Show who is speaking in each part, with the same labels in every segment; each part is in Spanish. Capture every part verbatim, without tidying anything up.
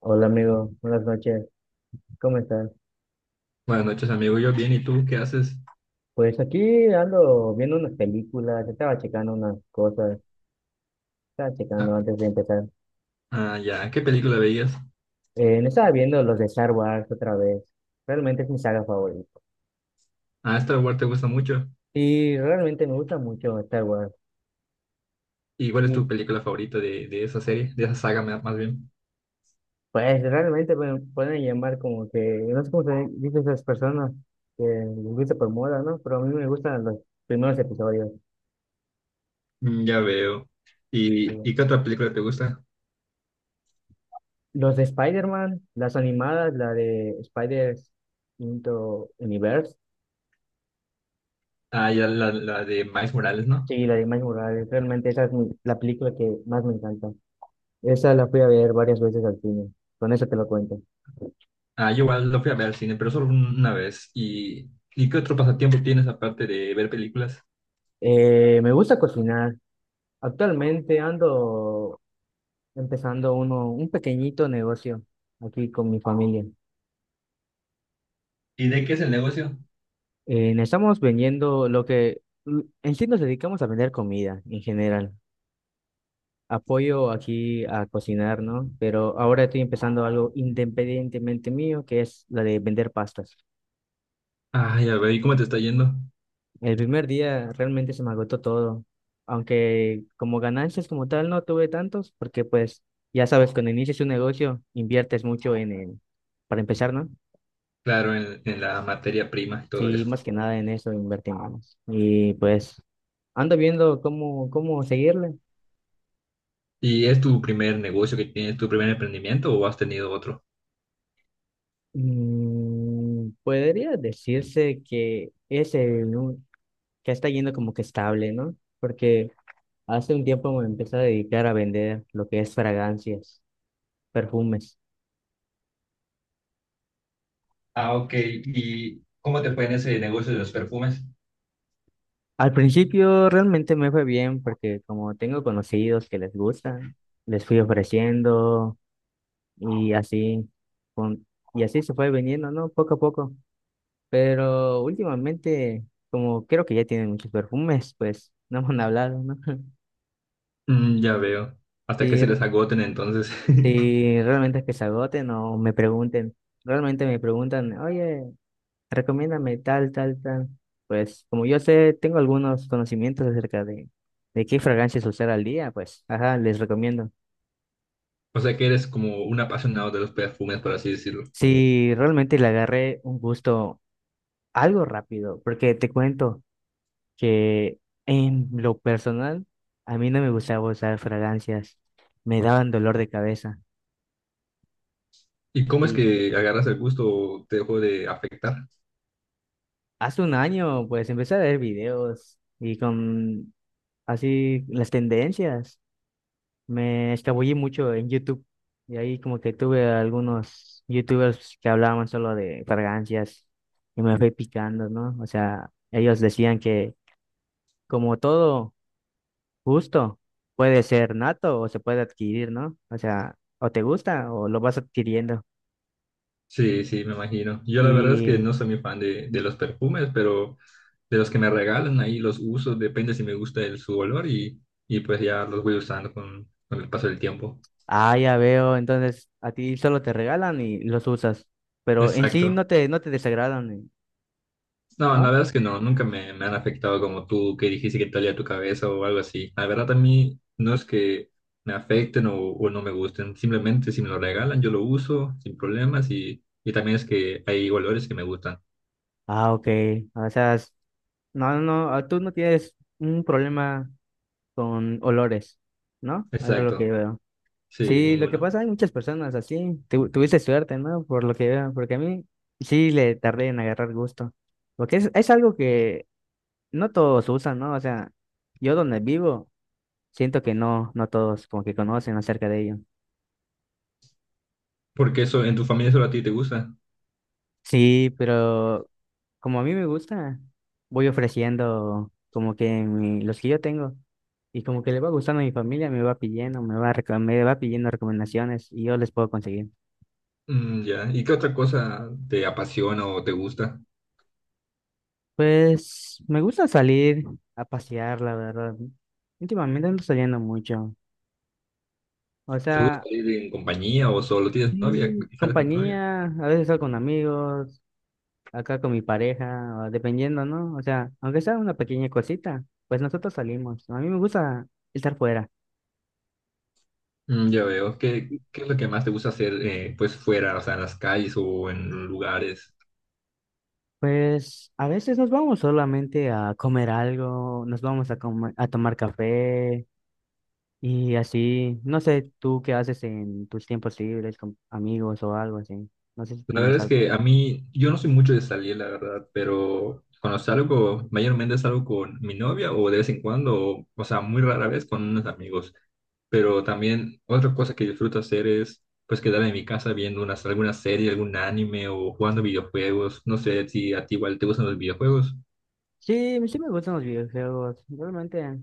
Speaker 1: Hola amigo, buenas noches, ¿cómo estás?
Speaker 2: Buenas noches, amigo. Yo bien, ¿y tú qué haces?
Speaker 1: Pues aquí ando viendo unas películas, estaba checando unas cosas, estaba checando
Speaker 2: Ah,
Speaker 1: antes de empezar.
Speaker 2: ah, ya, ¿qué película veías?
Speaker 1: Eh, me estaba viendo los de Star Wars otra vez, realmente es mi saga favorita.
Speaker 2: Ah, Star Wars te gusta mucho.
Speaker 1: Y realmente me gusta mucho Star Wars.
Speaker 2: ¿Y cuál es
Speaker 1: Y
Speaker 2: tu película favorita de, de esa serie, de esa saga ma- más bien?
Speaker 1: pues realmente me pueden llamar como que, no sé cómo se dice esas personas que les gusta por moda, ¿no? Pero a mí me gustan los primeros episodios.
Speaker 2: Mm, ya veo.
Speaker 1: eh,
Speaker 2: ¿Y, y qué otra película te gusta?
Speaker 1: Los de Spider-Man, las animadas, la de Spider's Into Universe.
Speaker 2: Ah, ya la, la de Miles Morales, ¿no?
Speaker 1: Sí, la de Miles Morales, realmente esa es mi- la película que más me encanta. Esa la fui a ver varias veces al cine, con eso te lo cuento.
Speaker 2: Ah, yo igual lo fui a ver al cine, pero solo un- una vez. ¿Y, y qué otro pasatiempo tienes aparte de ver películas?
Speaker 1: Eh, me gusta cocinar. Actualmente ando empezando uno, un pequeñito negocio aquí con mi familia.
Speaker 2: ¿Y de qué es el negocio?
Speaker 1: Eh, estamos vendiendo lo que, l- en sí nos dedicamos a vender comida en general. Apoyo aquí a cocinar, ¿no? Pero ahora estoy empezando algo independientemente mío, que es la de vender pastas.
Speaker 2: Ah, ya veo. ¿Y cómo te está yendo?
Speaker 1: El primer día realmente se me agotó todo, aunque como ganancias como tal no tuve tantos, porque pues ya sabes, cuando inicias un negocio inviertes mucho en el, para empezar, ¿no?
Speaker 2: Claro, en, en la materia prima y todo
Speaker 1: Sí,
Speaker 2: eso.
Speaker 1: más que nada en eso invertimos. Y pues ando viendo cómo, cómo seguirle.
Speaker 2: ¿Y es tu primer negocio que tienes, tu primer emprendimiento o has tenido otro?
Speaker 1: Mm, podría decirse que es el, un- que está yendo como que estable, ¿no? Porque hace un tiempo me empecé a dedicar a vender lo que es fragancias, perfumes.
Speaker 2: Ah, ok. ¿Y cómo te fue en ese negocio de los perfumes?
Speaker 1: Al principio realmente me fue bien porque como tengo conocidos que les gusta, les fui ofreciendo y así con- y así se fue vendiendo, ¿no? Poco a poco. Pero últimamente, como creo que ya tienen muchos perfumes, pues no me han hablado, ¿no?
Speaker 2: Mm, ya veo. Hasta que
Speaker 1: Si,
Speaker 2: se
Speaker 1: r-
Speaker 2: les agoten entonces.
Speaker 1: si realmente es que se agoten o me pregunten, realmente me preguntan, oye, recomiéndame tal, tal, tal. Pues como yo sé, tengo algunos conocimientos acerca de, de qué fragancias usar al día, pues, ajá, les recomiendo.
Speaker 2: O sea que eres como un apasionado de los perfumes, por así decirlo.
Speaker 1: Si realmente le agarré un gusto algo rápido, porque te cuento que en lo personal, a mí no me gustaba usar fragancias, me daban dolor de cabeza.
Speaker 2: ¿Y cómo es
Speaker 1: Y
Speaker 2: que agarras el gusto o te dejó de afectar?
Speaker 1: hace un año, pues, empecé a ver videos y con así las tendencias. Me escabullí mucho en YouTube y ahí como que tuve algunos YouTubers que hablaban solo de fragancias y me fui picando, ¿no? O sea, ellos decían que como todo gusto puede ser nato o se puede adquirir, ¿no? O sea, o te gusta o lo vas adquiriendo.
Speaker 2: Sí, sí, me imagino. Yo la verdad es que
Speaker 1: Y,
Speaker 2: no soy muy fan de, de los perfumes, pero de los que me regalan ahí los uso, depende si me gusta el, su olor y, y pues ya los voy usando con, con el paso del tiempo.
Speaker 1: ah, ya veo, entonces a ti solo te regalan y los usas, pero en sí
Speaker 2: Exacto.
Speaker 1: no te, no te desagradan,
Speaker 2: No, la
Speaker 1: ¿no?
Speaker 2: verdad es que no, nunca me, me han afectado como tú, que dijiste que talía tu cabeza o algo así. La verdad a mí no es que me afecten o, o no me gusten, simplemente si me lo regalan yo lo uso sin problemas y, y también es que hay olores que me gustan.
Speaker 1: Ah, ok. O sea, s- no, no, ah, Tú no tienes un problema con olores, ¿no? Eso es lo que
Speaker 2: Exacto,
Speaker 1: veo.
Speaker 2: sí,
Speaker 1: Sí, lo que
Speaker 2: ninguno.
Speaker 1: pasa, hay muchas personas así. Tu- tuviste suerte, ¿no? Por lo que veo, porque a mí sí le tardé en agarrar gusto. Porque es, es algo que no todos usan, ¿no? O sea, yo donde vivo, siento que no, no todos como que conocen acerca de ello.
Speaker 2: Porque eso en tu familia solo a ti te gusta.
Speaker 1: Sí, pero como a mí me gusta, voy ofreciendo como que mi- los que yo tengo y como que le va gustando a mi familia, me va pidiendo, me va, reco- me va pidiendo recomendaciones y yo les puedo conseguir.
Speaker 2: Mm, ya, ¿y qué otra cosa te apasiona o te gusta?
Speaker 1: Pues me gusta salir a pasear, la verdad. Últimamente ando saliendo mucho. O
Speaker 2: ¿Te
Speaker 1: sea,
Speaker 2: gusta ir en compañía o solo tienes novia?
Speaker 1: sí,
Speaker 2: ¿Sales con tu novia?
Speaker 1: compañía, a veces salgo con amigos, acá con mi pareja, o dependiendo, ¿no? O sea, aunque sea una pequeña cosita, pues nosotros salimos. A mí me gusta estar fuera.
Speaker 2: Mm, ya veo. ¿Qué, qué es lo que más te gusta hacer eh, pues fuera, o sea, en las calles o en lugares?
Speaker 1: Pues a veces nos vamos solamente a comer algo, nos vamos a, comer- a tomar café y así. No sé tú qué haces en tus tiempos libres con amigos o algo así. No sé si
Speaker 2: La verdad
Speaker 1: tienes
Speaker 2: es
Speaker 1: algo.
Speaker 2: que a mí, yo no soy mucho de salir, la verdad, pero cuando salgo, mayormente salgo con mi novia o de vez en cuando, o, o sea, muy rara vez con unos amigos. Pero también otra cosa que disfruto hacer es pues quedarme en mi casa viendo unas, alguna serie, algún anime o jugando videojuegos. No sé si a ti igual te gustan los videojuegos.
Speaker 1: Sí, sí me gustan los videojuegos. Realmente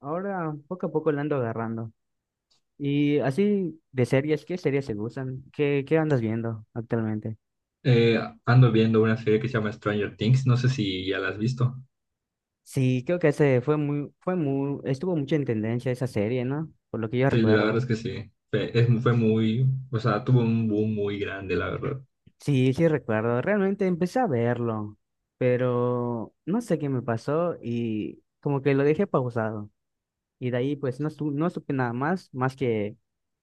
Speaker 1: ahora poco a poco le ando agarrando. Y así de series, ¿qué series te gustan? ¿Qué, qué andas viendo actualmente?
Speaker 2: Eh, ando viendo una serie que se llama Stranger Things, no sé si ya la has visto.
Speaker 1: Sí, creo que ese fue muy, fue muy, estuvo mucho en tendencia esa serie, ¿no? Por lo que yo
Speaker 2: Sí, la verdad
Speaker 1: recuerdo.
Speaker 2: es que sí. Fue, es- fue muy, o sea, tuvo un boom muy grande, la verdad.
Speaker 1: Sí, sí recuerdo. Realmente empecé a verlo, pero no sé qué me pasó y como que lo dejé pausado. Y de ahí pues no, su- no supe nada más, más que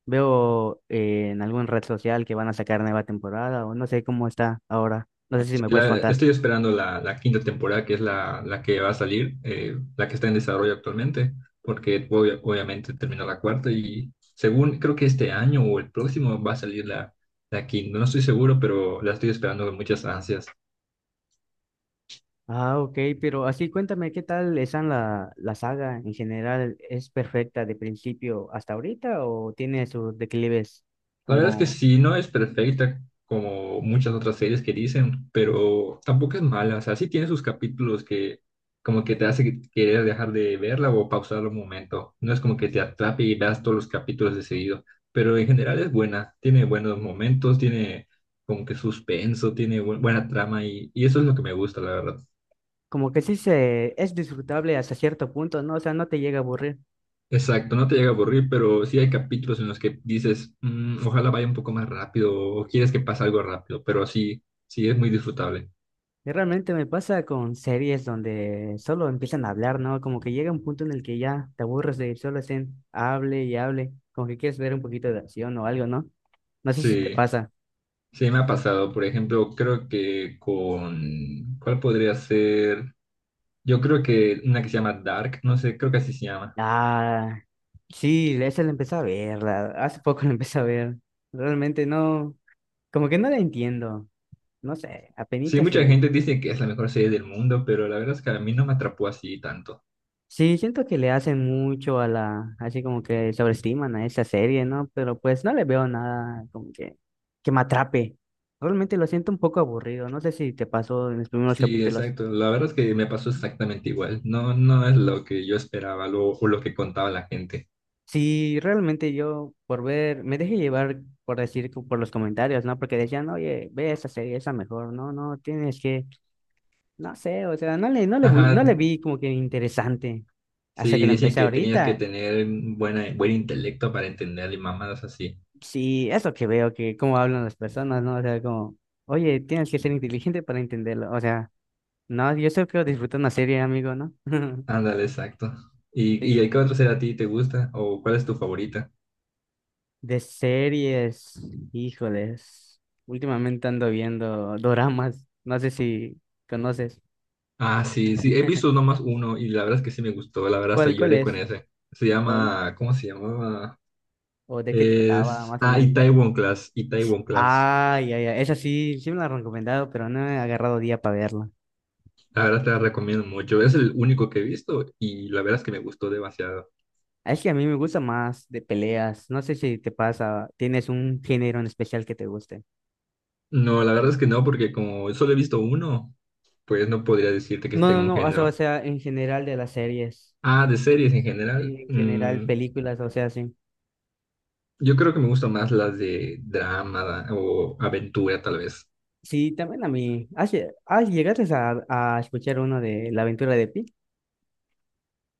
Speaker 1: veo eh, en algún red social que van a sacar nueva temporada o no sé cómo está ahora. No sé si
Speaker 2: Sí,
Speaker 1: me puedes
Speaker 2: la-
Speaker 1: contar.
Speaker 2: estoy esperando la, la quinta temporada, que es la, la que va a salir, eh, la que está en desarrollo actualmente, porque obvia- obviamente terminó la cuarta y según, creo que este año o el próximo va a salir la, la quinta. No estoy seguro, pero la estoy esperando con muchas ansias.
Speaker 1: Ah, ok, pero así cuéntame qué tal está la, la saga en general. ¿Es perfecta de principio hasta ahorita o tiene sus declives
Speaker 2: La verdad es que
Speaker 1: como
Speaker 2: sí, no es perfecta como muchas otras series que dicen, pero tampoco es mala. O sea, sí tiene sus capítulos que como que te hace querer dejar de verla o pausar un momento. No es como que te atrape y veas todos los capítulos de seguido, pero en general es buena. Tiene buenos momentos, tiene como que suspenso, tiene bu- buena trama y, y eso es lo que me gusta, la verdad.
Speaker 1: como que sí se es disfrutable hasta cierto punto, ¿no? O sea, no te llega a aburrir.
Speaker 2: Exacto, no te llega a aburrir, pero sí hay capítulos en los que dices, "Mm, ojalá vaya un poco más rápido o quieres que pase algo rápido, pero sí, sí es muy disfrutable.
Speaker 1: Y realmente me pasa con series donde solo empiezan a hablar, ¿no? Como que llega un punto en el que ya te aburres de solo estén hable y hable, como que quieres ver un poquito de acción o algo, ¿no? No sé si te
Speaker 2: Sí,
Speaker 1: pasa.
Speaker 2: sí me ha pasado. Por ejemplo, creo que con... ¿Cuál podría ser? Yo creo que una que se llama Dark, no sé, creo que así se llama.
Speaker 1: Ah, sí, esa la empecé a ver, la- hace poco la empecé a ver. Realmente no, como que no la entiendo, no sé,
Speaker 2: Sí,
Speaker 1: apenitas.
Speaker 2: mucha gente dice que es la mejor serie del mundo, pero la verdad es que a mí no me atrapó así tanto.
Speaker 1: Sí, siento que le hacen mucho a la, así como que sobreestiman a esa serie, ¿no? Pero pues no le veo nada como que, que me atrape. Realmente lo siento un poco aburrido, no sé si te pasó en los primeros
Speaker 2: Sí,
Speaker 1: capítulos.
Speaker 2: exacto. La verdad es que me pasó exactamente igual. No, no es lo que yo esperaba lo- o lo que contaba la gente.
Speaker 1: Sí, realmente yo por ver, me dejé llevar por decir, co- por los comentarios, ¿no? Porque decían, oye, ve esa serie, esa mejor, no, no, tienes que, no sé, o sea, no le, no le, bu-
Speaker 2: Ajá,
Speaker 1: no le vi como que interesante hasta que
Speaker 2: sí,
Speaker 1: lo
Speaker 2: dicen
Speaker 1: empecé
Speaker 2: que tenías que
Speaker 1: ahorita.
Speaker 2: tener buena, buen intelecto para entenderle mamadas así.
Speaker 1: Sí, eso que veo, que cómo hablan las personas, ¿no? O sea, como, oye, tienes que ser inteligente para entenderlo. O sea, no, yo solo quiero disfrutar una serie, amigo, ¿no?
Speaker 2: Ándale, exacto. ¿Y,
Speaker 1: Sí,
Speaker 2: y qué otra serie a ti te gusta? ¿O cuál es tu favorita?
Speaker 1: de series, híjoles. Últimamente ando viendo doramas, no sé si conoces.
Speaker 2: Ah, sí, sí, he visto nomás uno y la verdad es que sí me gustó, la verdad hasta
Speaker 1: ¿Cuál, cuál
Speaker 2: lloré con
Speaker 1: es?
Speaker 2: ese. Se
Speaker 1: ¿O,
Speaker 2: llama, ¿cómo se llamaba?
Speaker 1: o de qué trataba,
Speaker 2: Es,
Speaker 1: más o
Speaker 2: ah,
Speaker 1: menos?
Speaker 2: Itaewon Class, Itaewon Class.
Speaker 1: Ay, ay, ay, esa sí, sí me la han recomendado, pero no he agarrado día para verla.
Speaker 2: La verdad te la recomiendo mucho, es el único que he visto y la verdad es que me gustó demasiado.
Speaker 1: Es que a mí me gusta más de peleas. No sé si te pasa, tienes un género en especial que te guste.
Speaker 2: No, la verdad es que no, porque como solo he visto uno, pues no podría decirte que sí
Speaker 1: No, no,
Speaker 2: tengo un
Speaker 1: no, o sea, o
Speaker 2: género.
Speaker 1: sea, en general de las series,
Speaker 2: Ah, de series en
Speaker 1: sí,
Speaker 2: general.
Speaker 1: en general
Speaker 2: Mm,
Speaker 1: películas, o sea, sí.
Speaker 2: yo creo que me gustan más las de drama o aventura, tal vez.
Speaker 1: Sí, también a mí. ¿Has, lle- has- llegaste a, a escuchar uno de La aventura de Pi?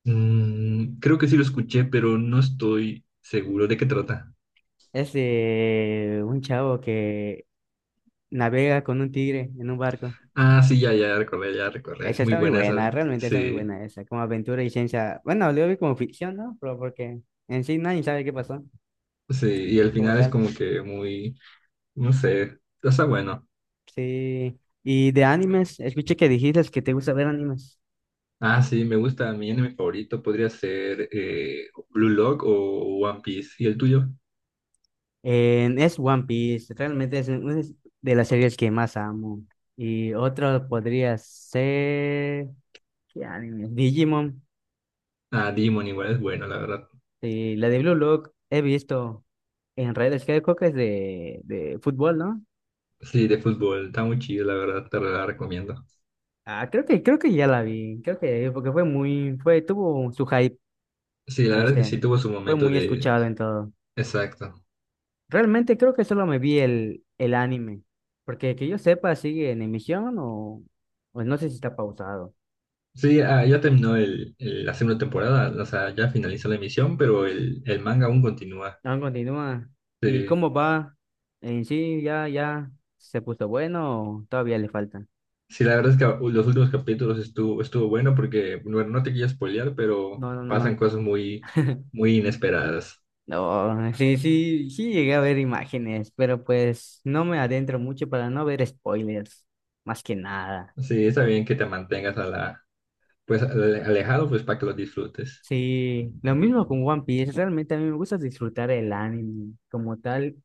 Speaker 2: Mm, creo que sí lo escuché, pero no estoy seguro de qué trata.
Speaker 1: Es de un chavo que navega con un tigre en un barco.
Speaker 2: Ah, sí, ya, ya recordé, ya recordé. Es
Speaker 1: Esa
Speaker 2: muy
Speaker 1: está muy
Speaker 2: buena esa.
Speaker 1: buena, realmente está muy
Speaker 2: Sí,
Speaker 1: buena esa, como aventura y ciencia. Bueno, lo vi como ficción, ¿no? Pero porque en sí nadie sabe qué pasó
Speaker 2: sí. Y al
Speaker 1: como
Speaker 2: final es
Speaker 1: tal.
Speaker 2: como que muy, no sé, está bueno.
Speaker 1: Sí, y de animes, escuché que dijiste que te gusta ver animes.
Speaker 2: Ah, sí, me gusta. Mi anime favorito podría ser eh, Blue Lock o One Piece. ¿Y el tuyo?
Speaker 1: Eh, es One Piece, realmente es una es de las series que más amo. Y otro podría ser... ¿Qué anime? Digimon.
Speaker 2: Ah, Demon igual es bueno, la verdad.
Speaker 1: Sí, la de Blue Lock he visto en redes, creo creo que es de, de fútbol, ¿no?
Speaker 2: Sí, de fútbol, está muy chido, la verdad, te la recomiendo.
Speaker 1: Ah, creo que, creo que ya la vi, creo que porque fue muy, fue, tuvo su hype,
Speaker 2: Sí, la verdad es que
Speaker 1: este,
Speaker 2: sí tuvo su
Speaker 1: fue
Speaker 2: momento
Speaker 1: muy
Speaker 2: de,
Speaker 1: escuchado en todo.
Speaker 2: exacto.
Speaker 1: Realmente creo que solo me vi el, el anime, porque que yo sepa sigue en emisión o pues no sé si está pausado.
Speaker 2: Sí, ah, ya terminó el, el- la segunda temporada, o sea, ya finalizó la emisión, pero el, el manga aún continúa.
Speaker 1: Aún continúa. ¿Y
Speaker 2: Sí,
Speaker 1: cómo va? En sí, ya, ya se puso bueno o todavía le falta.
Speaker 2: sí, la verdad es que uh, los últimos capítulos estuvo, estuvo bueno porque, bueno, no te quiero spoilear, pero
Speaker 1: No, no,
Speaker 2: pasan
Speaker 1: no.
Speaker 2: cosas muy, muy inesperadas.
Speaker 1: No, sí, sí, sí llegué a ver imágenes, pero pues no me adentro mucho para no ver spoilers, más que nada.
Speaker 2: Sí, está bien que te mantengas a la, pues, ale- alejado, pues, para que lo disfrutes.
Speaker 1: Sí, lo mismo con One Piece. Realmente a mí me gusta disfrutar el anime como tal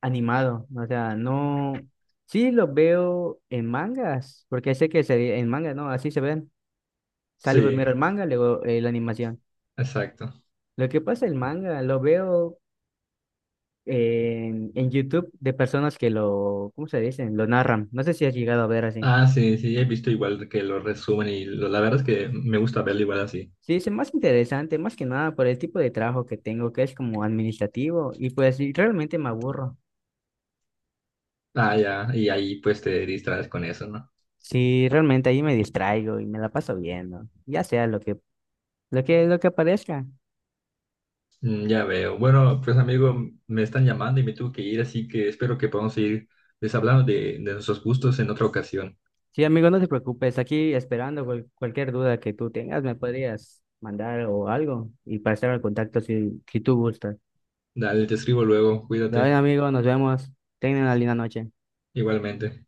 Speaker 1: animado. O sea, no. Sí, lo veo en mangas, porque sé que se- en manga, ¿no? Así se ven. Sale
Speaker 2: Sí,
Speaker 1: primero el manga, luego eh, la animación.
Speaker 2: exacto.
Speaker 1: Lo que pasa, el manga lo veo en, en YouTube de personas que lo, ¿cómo se dicen? Lo narran. No sé si has llegado a ver así.
Speaker 2: Ah, sí, sí, he visto igual que lo resumen y lo- la verdad es que me gusta verlo igual así.
Speaker 1: Sí, es más interesante, más que nada por el tipo de trabajo que tengo, que es como administrativo, y pues sí, realmente me aburro.
Speaker 2: Ah, ya, y ahí pues te distraes con eso, ¿no?
Speaker 1: Sí, realmente ahí me distraigo y me la paso viendo, ya sea lo que, lo que, lo que aparezca.
Speaker 2: Mm, ya veo. Bueno, pues amigo, me están llamando y me tuve que ir, así que espero que podamos seguir les hablando de, de nuestros gustos en otra ocasión.
Speaker 1: Sí, amigo, no te preocupes, aquí esperando cual- cualquier duda que tú tengas, me podrías mandar o algo y para estar al contacto si, si tú gustas.
Speaker 2: Dale, te escribo luego,
Speaker 1: De hoy,
Speaker 2: cuídate,
Speaker 1: amigo, nos vemos. Tengan una linda noche.
Speaker 2: igualmente.